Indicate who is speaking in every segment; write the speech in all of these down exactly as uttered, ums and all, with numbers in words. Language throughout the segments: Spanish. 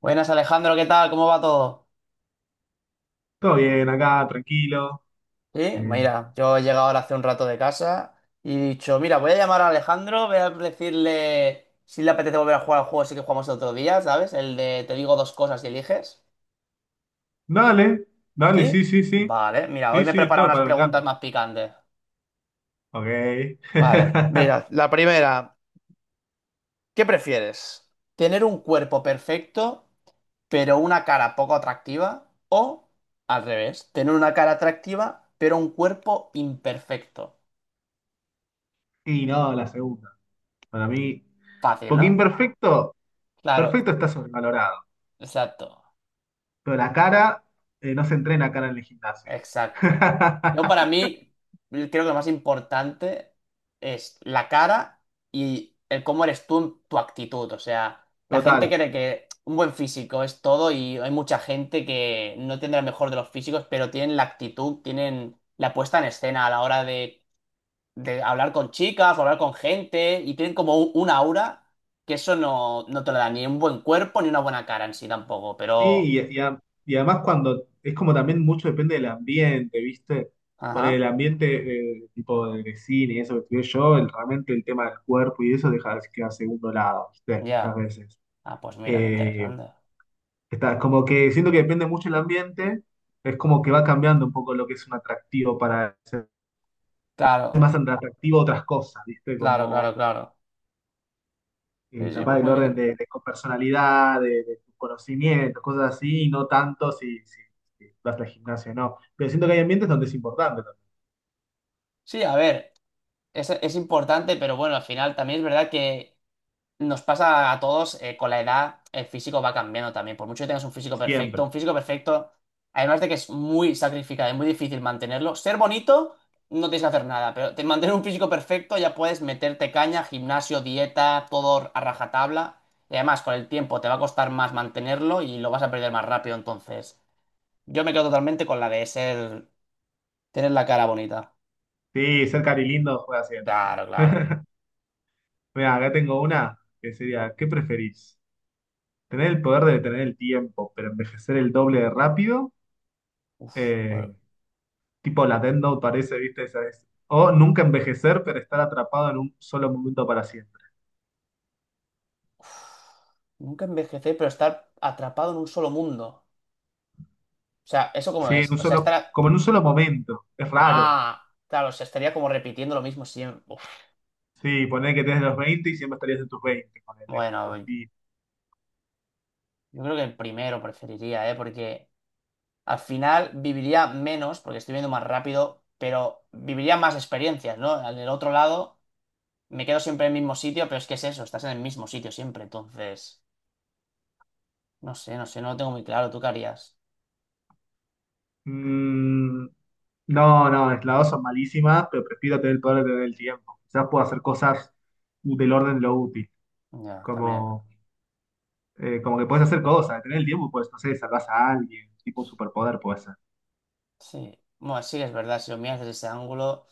Speaker 1: Buenas Alejandro, ¿qué tal? ¿Cómo va todo?
Speaker 2: Todo bien, acá, tranquilo.
Speaker 1: Sí,
Speaker 2: Eh,
Speaker 1: mira, yo he llegado ahora hace un rato de casa y he dicho, mira, voy a llamar a Alejandro, voy a decirle si le apetece volver a jugar al juego, así que jugamos el otro día, ¿sabes? El de te digo dos cosas y eliges.
Speaker 2: Dale, dale,
Speaker 1: ¿Sí?
Speaker 2: sí, sí, sí.
Speaker 1: Vale, mira, hoy
Speaker 2: Sí,
Speaker 1: me he
Speaker 2: sí,
Speaker 1: preparado
Speaker 2: estoy,
Speaker 1: unas
Speaker 2: para, me
Speaker 1: preguntas
Speaker 2: encanta.
Speaker 1: más picantes.
Speaker 2: Ok.
Speaker 1: Vale, mira, la primera, ¿qué prefieres? ¿Tener un cuerpo perfecto, pero una cara poco atractiva? ¿O, al revés, tener una cara atractiva, pero un cuerpo imperfecto?
Speaker 2: Y no, la segunda. Para mí,
Speaker 1: Fácil,
Speaker 2: porque
Speaker 1: ¿no?
Speaker 2: imperfecto,
Speaker 1: Claro,
Speaker 2: perfecto está sobrevalorado.
Speaker 1: exacto,
Speaker 2: Pero la cara, eh, no se entrena cara en el gimnasio.
Speaker 1: exacto. Yo para mí creo que lo más importante es la cara y el cómo eres tú, en tu actitud. O sea, la gente
Speaker 2: Total.
Speaker 1: cree que un buen físico es todo y hay mucha gente que no tendrá el mejor de los físicos, pero tienen la actitud, tienen la puesta en escena a la hora de, de hablar con chicas o hablar con gente y tienen como un, un aura que eso no, no te lo da ni un buen cuerpo ni una buena cara en sí tampoco,
Speaker 2: Sí,
Speaker 1: pero...
Speaker 2: y, y a- y además cuando es como también mucho depende del ambiente, ¿viste? Por el
Speaker 1: Ajá,
Speaker 2: ambiente eh, tipo de cine y eso que estudié yo, el- realmente el tema del cuerpo y eso deja que a segundo lado, ¿viste? Muchas
Speaker 1: ya.
Speaker 2: veces.
Speaker 1: Ah, pues mira, qué
Speaker 2: Eh,
Speaker 1: interesante.
Speaker 2: Está, como que siento que depende mucho el ambiente, es como que va cambiando un poco lo que es un atractivo para ser
Speaker 1: Claro,
Speaker 2: más atractivo otras cosas, ¿viste?
Speaker 1: claro,
Speaker 2: Como
Speaker 1: claro, claro.
Speaker 2: eh,
Speaker 1: Sí, sí,
Speaker 2: capaz
Speaker 1: pues
Speaker 2: del
Speaker 1: muy
Speaker 2: orden
Speaker 1: bien.
Speaker 2: de, de personalidad, de, de tus conocimientos, cosas así, y no tanto si, si, si vas al gimnasio o no. Pero siento que hay ambientes donde es importante, también,
Speaker 1: Sí, a ver, es, es importante, pero bueno, al final también es verdad que nos pasa a todos, eh, con la edad, el físico va cambiando también. Por mucho que tengas un físico perfecto,
Speaker 2: siempre.
Speaker 1: un físico perfecto, además de que es muy sacrificado, es muy difícil mantenerlo. Ser bonito, no tienes que hacer nada, pero te- mantener un físico perfecto ya puedes meterte caña, gimnasio, dieta, todo a rajatabla. Y además, con el tiempo te va a costar más mantenerlo y lo vas a perder más rápido, entonces. Yo me quedo totalmente con la de ser, tener la cara bonita.
Speaker 2: Sí, ser cari lindo juega siempre.
Speaker 1: Claro, claro.
Speaker 2: Mira, acá tengo una que sería, ¿qué preferís? ¿Tener el poder de detener el tiempo, pero envejecer el doble de rápido?
Speaker 1: Uf, por-
Speaker 2: Eh, Tipo la Death Note parece, ¿viste? Esa es. O nunca envejecer, pero estar atrapado en un solo momento para siempre.
Speaker 1: uf. Nunca envejecer, pero estar atrapado en un solo mundo. O sea, ¿eso cómo
Speaker 2: Sí, en
Speaker 1: es?
Speaker 2: un
Speaker 1: O sea,
Speaker 2: solo,
Speaker 1: estar...
Speaker 2: como en un solo momento. Es raro.
Speaker 1: Ah, claro, o sea, estaría como repitiendo lo mismo siempre. Uf.
Speaker 2: Sí, poner que tenés los veinte y siempre estarías en tus veinte. Ponele, en tus
Speaker 1: Bueno,
Speaker 2: diez.
Speaker 1: yo creo que el primero preferiría, ¿eh? Porque al final viviría menos, porque estoy viendo más rápido, pero viviría más experiencias, ¿no? Al del otro lado, me quedo siempre en el mismo sitio, pero es que es eso, estás en el mismo sitio siempre, entonces... No sé, no sé, no lo tengo muy claro. ¿Tú qué harías?
Speaker 2: Mm, no, no, las dos son malísimas, pero prefiero tener el poder de tener el tiempo. Quizás puedo hacer cosas del orden de lo útil,
Speaker 1: Ya, también.
Speaker 2: como, eh, como que puedes hacer cosas, tener el tiempo, pues, no sé, salvas a alguien, tipo un superpoder puede ser.
Speaker 1: Sí. Bueno, sí es verdad, si lo miras desde ese ángulo,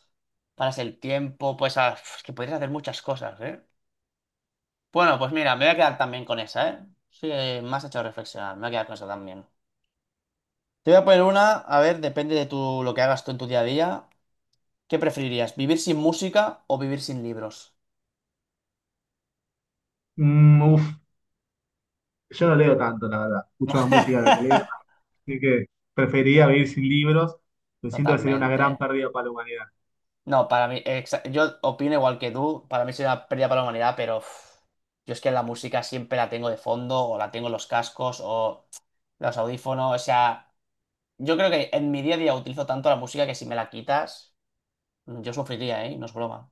Speaker 1: paras el tiempo, pues ah, es que podrías hacer muchas cosas, ¿eh? Bueno, pues mira, me voy a quedar también con esa, ¿eh? Sí, eh, me has hecho reflexionar, me voy a quedar con esa también. Te voy a poner una, a ver, depende de tu, lo que hagas tú en tu día a día. ¿Qué preferirías, vivir sin música o vivir sin libros?
Speaker 2: Mm, uf, yo no leo tanto, la verdad, escucho más música de la que leo, así que preferiría vivir sin libros, me siento que sería una
Speaker 1: Totalmente.
Speaker 2: gran pérdida para la humanidad.
Speaker 1: No, para mí, exa- yo opino igual que tú, para mí sería una pérdida para la humanidad, pero uf, yo es que la música siempre la tengo de fondo, o la tengo en los cascos, o los audífonos, o sea, yo creo que en mi día a día utilizo tanto la música que si me la quitas, mm, yo sufriría, ¿eh? No es broma.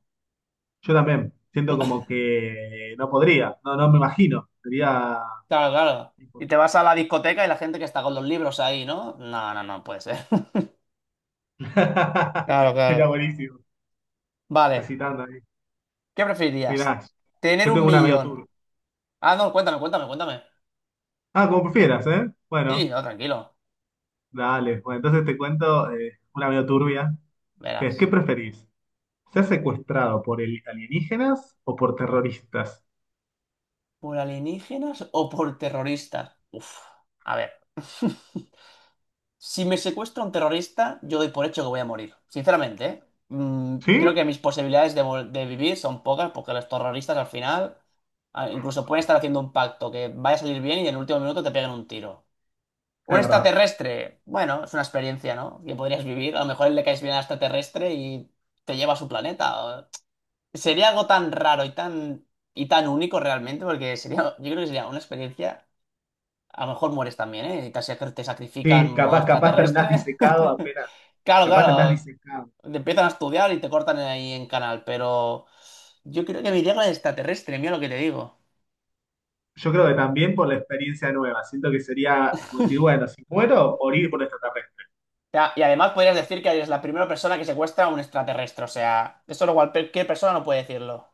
Speaker 2: Yo también. Siento como que no podría. No, no me imagino. Sería.
Speaker 1: Claro, claro. Y te vas a la discoteca y la gente que está con los libros ahí, ¿no? No, no, no puede ser. Claro,
Speaker 2: Sería
Speaker 1: claro.
Speaker 2: buenísimo.
Speaker 1: Vale,
Speaker 2: Recitando ahí.
Speaker 1: ¿qué preferirías?
Speaker 2: Mirá,
Speaker 1: ¿Tener
Speaker 2: yo
Speaker 1: un
Speaker 2: tengo una medio
Speaker 1: millón?
Speaker 2: turbia.
Speaker 1: Ah, no, cuéntame, cuéntame, cuéntame.
Speaker 2: Ah, como prefieras, ¿eh?
Speaker 1: Sí,
Speaker 2: Bueno,
Speaker 1: no, tranquilo,
Speaker 2: dale. Bueno, entonces te cuento eh, una medio turbia. Que es, ¿qué
Speaker 1: verás.
Speaker 2: preferís? ¿Ser secuestrado por el- alienígenas o por terroristas?
Speaker 1: ¿Por alienígenas o por terroristas? Uf, a ver. Si me secuestra un terrorista, yo doy por hecho que voy a morir. Sinceramente, ¿eh? Mm,
Speaker 2: ¿Sí?
Speaker 1: creo que mis posibilidades de, vol- de vivir son pocas porque los terroristas al final ah, incluso pueden estar haciendo un pacto que vaya a salir bien y en el último minuto te peguen un tiro.
Speaker 2: Es
Speaker 1: Un
Speaker 2: verdad.
Speaker 1: extraterrestre, bueno, es una experiencia, ¿no? Que podrías vivir. A lo mejor le caes bien al extraterrestre y te lleva a su planeta. Sería algo tan raro y tan, y tan único realmente, porque sería, yo creo que sería una experiencia. A lo mejor mueres también, ¿eh? Y te, sac- te sacrifican en
Speaker 2: Sí,
Speaker 1: modo
Speaker 2: capaz, capaz terminás
Speaker 1: extraterrestre.
Speaker 2: disecado apenas.
Speaker 1: Claro,
Speaker 2: Capaz terminás
Speaker 1: claro.
Speaker 2: disecado.
Speaker 1: Te empiezan a estudiar y te cortan ahí en canal, pero yo creo que me iría con el extraterrestre, mira lo que te digo. O
Speaker 2: Yo creo que también por la experiencia nueva. Siento que sería como decir, bueno, si muero, morir por extraterrestre.
Speaker 1: sea, y además podrías decir que eres la primera persona que secuestra a un extraterrestre, o sea, eso lo cual cualquier persona no puede decirlo.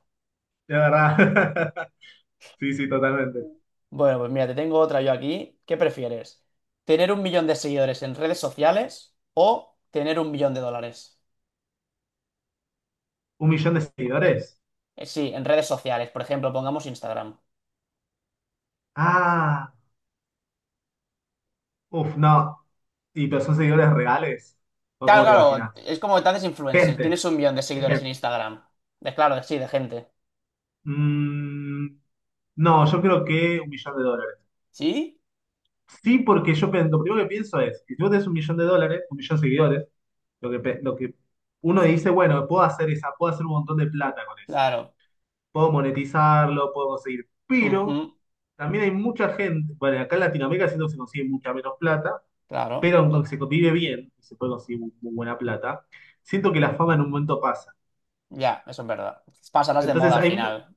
Speaker 2: De verdad. Sí, sí, totalmente.
Speaker 1: Bueno, pues mira, te tengo otra yo aquí. ¿Qué prefieres? ¿Tener un millón de seguidores en redes sociales o tener un millón de dólares?
Speaker 2: ¿Un millón de seguidores?
Speaker 1: Eh, sí, en redes sociales, por ejemplo, pongamos Instagram.
Speaker 2: Ah, uff, no. ¿Y pero son seguidores reales? ¿O
Speaker 1: Claro,
Speaker 2: cómo te
Speaker 1: claro,
Speaker 2: imaginas?
Speaker 1: es como que te haces influencer,
Speaker 2: Gente.
Speaker 1: tienes un millón de
Speaker 2: Es
Speaker 1: seguidores en
Speaker 2: gente.
Speaker 1: Instagram. De claro, de- sí, de gente.
Speaker 2: Mm, no, yo creo que un millón de dólares.
Speaker 1: ¿Sí?
Speaker 2: Sí, porque yo pen- lo primero que pienso es, que si tú tenés un millón de dólares, un millón de seguidores, lo que, pe- lo que uno dice, bueno, puedo hacer esa, puedo hacer un montón de plata con eso.
Speaker 1: Claro.
Speaker 2: Puedo monetizarlo, puedo conseguir. Pero
Speaker 1: Ujú,
Speaker 2: también hay mucha gente, bueno, acá en Latinoamérica siento que se consigue mucha menos plata,
Speaker 1: claro.
Speaker 2: pero aunque se vive bien y se puede conseguir muy, muy buena plata, siento que la fama en un momento pasa.
Speaker 1: Ya, eso es verdad. Pasarás de moda
Speaker 2: Entonces
Speaker 1: al
Speaker 2: hay, mu-
Speaker 1: final.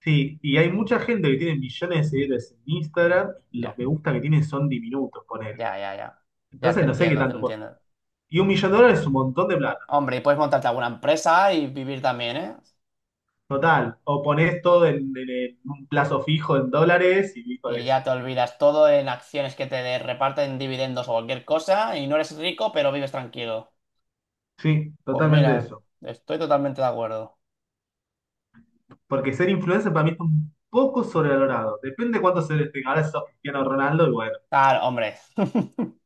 Speaker 2: sí, y hay mucha gente que tiene millones de seguidores en Instagram, y los
Speaker 1: Ya,
Speaker 2: me gusta que tienen son diminutos, ponele.
Speaker 1: ya, ya, ya. Ya te
Speaker 2: Entonces no sé qué
Speaker 1: entiendo, te
Speaker 2: tanto. po-
Speaker 1: entiendo.
Speaker 2: Y un millón de dólares es un montón de plata,
Speaker 1: Hombre, y puedes montarte alguna empresa y vivir también, ¿eh?
Speaker 2: total. O ponés todo en, en- en un plazo fijo en dólares y listo
Speaker 1: Y
Speaker 2: eso.
Speaker 1: ya te olvidas todo en acciones que te de- reparten dividendos o cualquier cosa y no eres rico, pero vives tranquilo.
Speaker 2: Sí,
Speaker 1: Pues
Speaker 2: totalmente
Speaker 1: mira,
Speaker 2: eso.
Speaker 1: estoy totalmente de acuerdo.
Speaker 2: Porque ser influencer para mí está un poco sobrevalorado. Depende de cuánto se le tenga. Ahora sos Cristiano Ronaldo y bueno.
Speaker 1: Claro, hombre.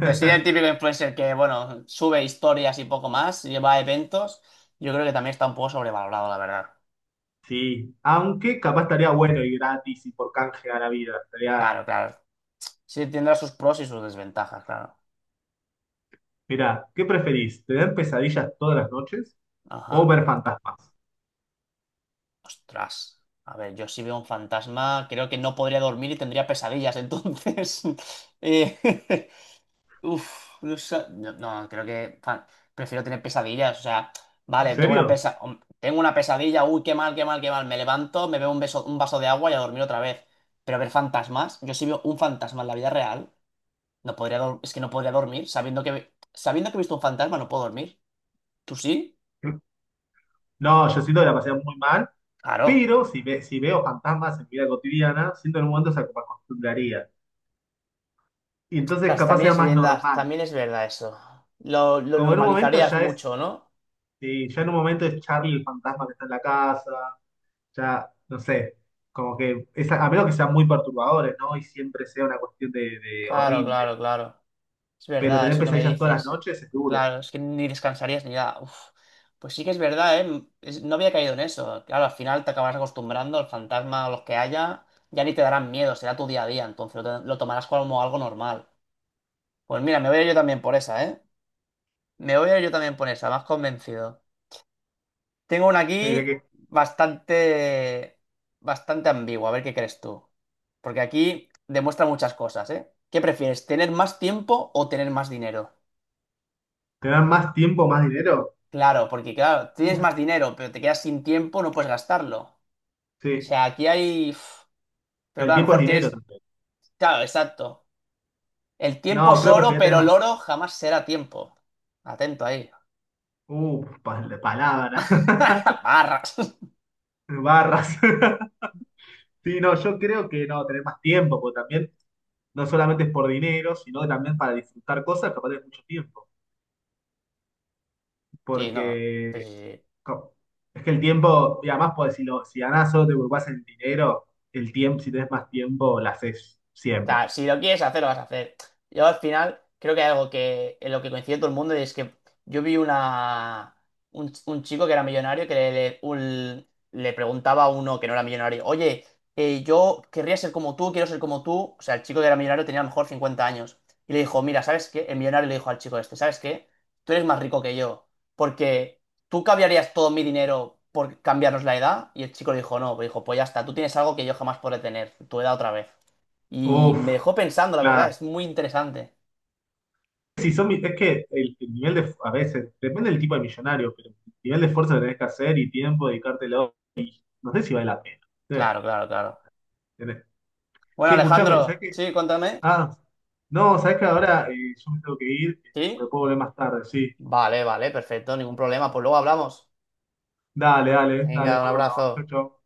Speaker 1: Pero sí, el típico influencer que, bueno, sube historias y poco más, lleva eventos, yo creo que también está un poco sobrevalorado, la verdad.
Speaker 2: Sí, aunque capaz estaría bueno y gratis y por canje a la vida. Estaría,
Speaker 1: Claro, claro. Sí, tendrá sus pros y sus desventajas, claro.
Speaker 2: mirá, ¿qué preferís? ¿Tener pesadillas todas las noches o
Speaker 1: Ajá.
Speaker 2: ver fantasmas?
Speaker 1: Ostras. A ver, yo si veo un fantasma, creo que no podría dormir y tendría pesadillas, entonces. Eh, Uf, no, sa- no, no, creo que fa- prefiero tener pesadillas. O sea,
Speaker 2: ¿En
Speaker 1: vale, tengo una
Speaker 2: serio?
Speaker 1: pesa, hom- tengo una pesadilla, uy, qué mal, qué mal, qué mal. Me levanto, me bebo un beso, un vaso de agua y a dormir otra vez. Pero ver fantasmas, yo si veo un fantasma en la vida real, no podría dor- es que no podría dormir, sabiendo que sabiendo que he visto un fantasma, no puedo dormir. ¿Tú sí?
Speaker 2: No, yo siento que la pasé muy mal,
Speaker 1: Claro.
Speaker 2: pero si, ve- si veo fantasmas en mi vida cotidiana, siento en un momento se me acostumbraría. Y entonces
Speaker 1: Ostras,
Speaker 2: capaz
Speaker 1: también
Speaker 2: sea
Speaker 1: es
Speaker 2: más
Speaker 1: verdad,
Speaker 2: normal.
Speaker 1: también es verdad eso. Lo, lo
Speaker 2: Como en un momento
Speaker 1: normalizarías
Speaker 2: ya es,
Speaker 1: mucho, ¿no?
Speaker 2: sí, ya en un momento es Charlie el fantasma que está en la casa, ya, no sé, como que, es a a menos que sean muy perturbadores, ¿no? Y siempre sea una cuestión de, de
Speaker 1: Claro,
Speaker 2: horrible.
Speaker 1: claro, claro. Es
Speaker 2: Pero
Speaker 1: verdad,
Speaker 2: tener
Speaker 1: eso que me
Speaker 2: pesadillas todas las
Speaker 1: dices.
Speaker 2: noches es duro.
Speaker 1: Claro, es que ni descansarías ni nada. Uf. Pues sí que es verdad, ¿eh? Es- no había caído en eso. Claro, al final te acabas acostumbrando al fantasma o los que haya, ya ni te darán miedo, será tu día a día, entonces lo, lo tomarás como algo normal. Pues mira, me voy a ir yo también por esa, ¿eh? Me voy a ir yo también por esa, más convencido. Tengo una
Speaker 2: Tener
Speaker 1: aquí
Speaker 2: que-
Speaker 1: bastante, bastante ambigua, a ver qué crees tú. Porque aquí demuestra muchas cosas, ¿eh? ¿Qué prefieres, tener más tiempo o tener más dinero?
Speaker 2: Tener más tiempo, más dinero,
Speaker 1: Claro, porque claro, tienes más
Speaker 2: uff,
Speaker 1: dinero, pero te quedas sin tiempo, no puedes gastarlo. O
Speaker 2: sí.
Speaker 1: sea, aquí hay... uf, pero
Speaker 2: Pero
Speaker 1: claro,
Speaker 2: el
Speaker 1: a lo
Speaker 2: tiempo es
Speaker 1: mejor
Speaker 2: dinero
Speaker 1: tienes...
Speaker 2: también.
Speaker 1: Claro, exacto. El tiempo
Speaker 2: No,
Speaker 1: es
Speaker 2: creo que
Speaker 1: oro,
Speaker 2: preferiría tener
Speaker 1: pero el
Speaker 2: más,
Speaker 1: oro jamás será tiempo. Atento ahí.
Speaker 2: uff, palabras,
Speaker 1: Barras.
Speaker 2: barras. Sí, no, yo creo que no, tener más tiempo, porque también no solamente es por dinero, sino que también para disfrutar cosas, capaz de mucho tiempo.
Speaker 1: Sí, no. Pues
Speaker 2: Porque
Speaker 1: sí, sí.
Speaker 2: co- Es que el tiempo, y además, pues, si, lo, si ganás solo te preocupás en el dinero, el tiempo, si tenés más tiempo, la haces
Speaker 1: O
Speaker 2: siempre.
Speaker 1: sea, si lo quieres hacer, lo vas a hacer. Yo al final creo que hay algo que en lo que coincide todo el mundo y es que yo vi una un, un chico que era millonario que le, le- un- le preguntaba a uno que no era millonario, oye, eh, yo querría ser como tú, quiero ser como tú. O sea, el chico que era millonario tenía a lo mejor cincuenta años. Y le dijo, mira, ¿sabes qué? El millonario le dijo al chico este, ¿sabes qué? Tú eres más rico que yo, porque tú cambiarías todo mi dinero por cambiarnos la edad. Y el chico le dijo, no, dijo, pues ya está, tú tienes algo que yo jamás podré tener, tu edad otra vez. Y
Speaker 2: Uf,
Speaker 1: me dejó pensando, la verdad,
Speaker 2: claro.
Speaker 1: es muy interesante.
Speaker 2: Si son, mi- Es que el, el nivel de, a veces, depende del tipo de millonario, pero el nivel de esfuerzo que tenés que hacer y tiempo, dedicártelo, no sé si vale la pena. Sí,
Speaker 1: Claro, claro, claro.
Speaker 2: tenés-
Speaker 1: Bueno,
Speaker 2: Che, escuchame,
Speaker 1: Alejandro,
Speaker 2: ¿sabés qué?
Speaker 1: sí, cuéntame.
Speaker 2: Ah, no, ¿sabés que ahora eh, yo me tengo que ir? Me
Speaker 1: ¿Sí?
Speaker 2: puedo volver más tarde, sí.
Speaker 1: Vale, vale, perfecto, ningún problema. Pues luego hablamos.
Speaker 2: Dale, dale, dale,
Speaker 1: Venga, un
Speaker 2: pues,
Speaker 1: abrazo.
Speaker 2: bueno, chau, chau.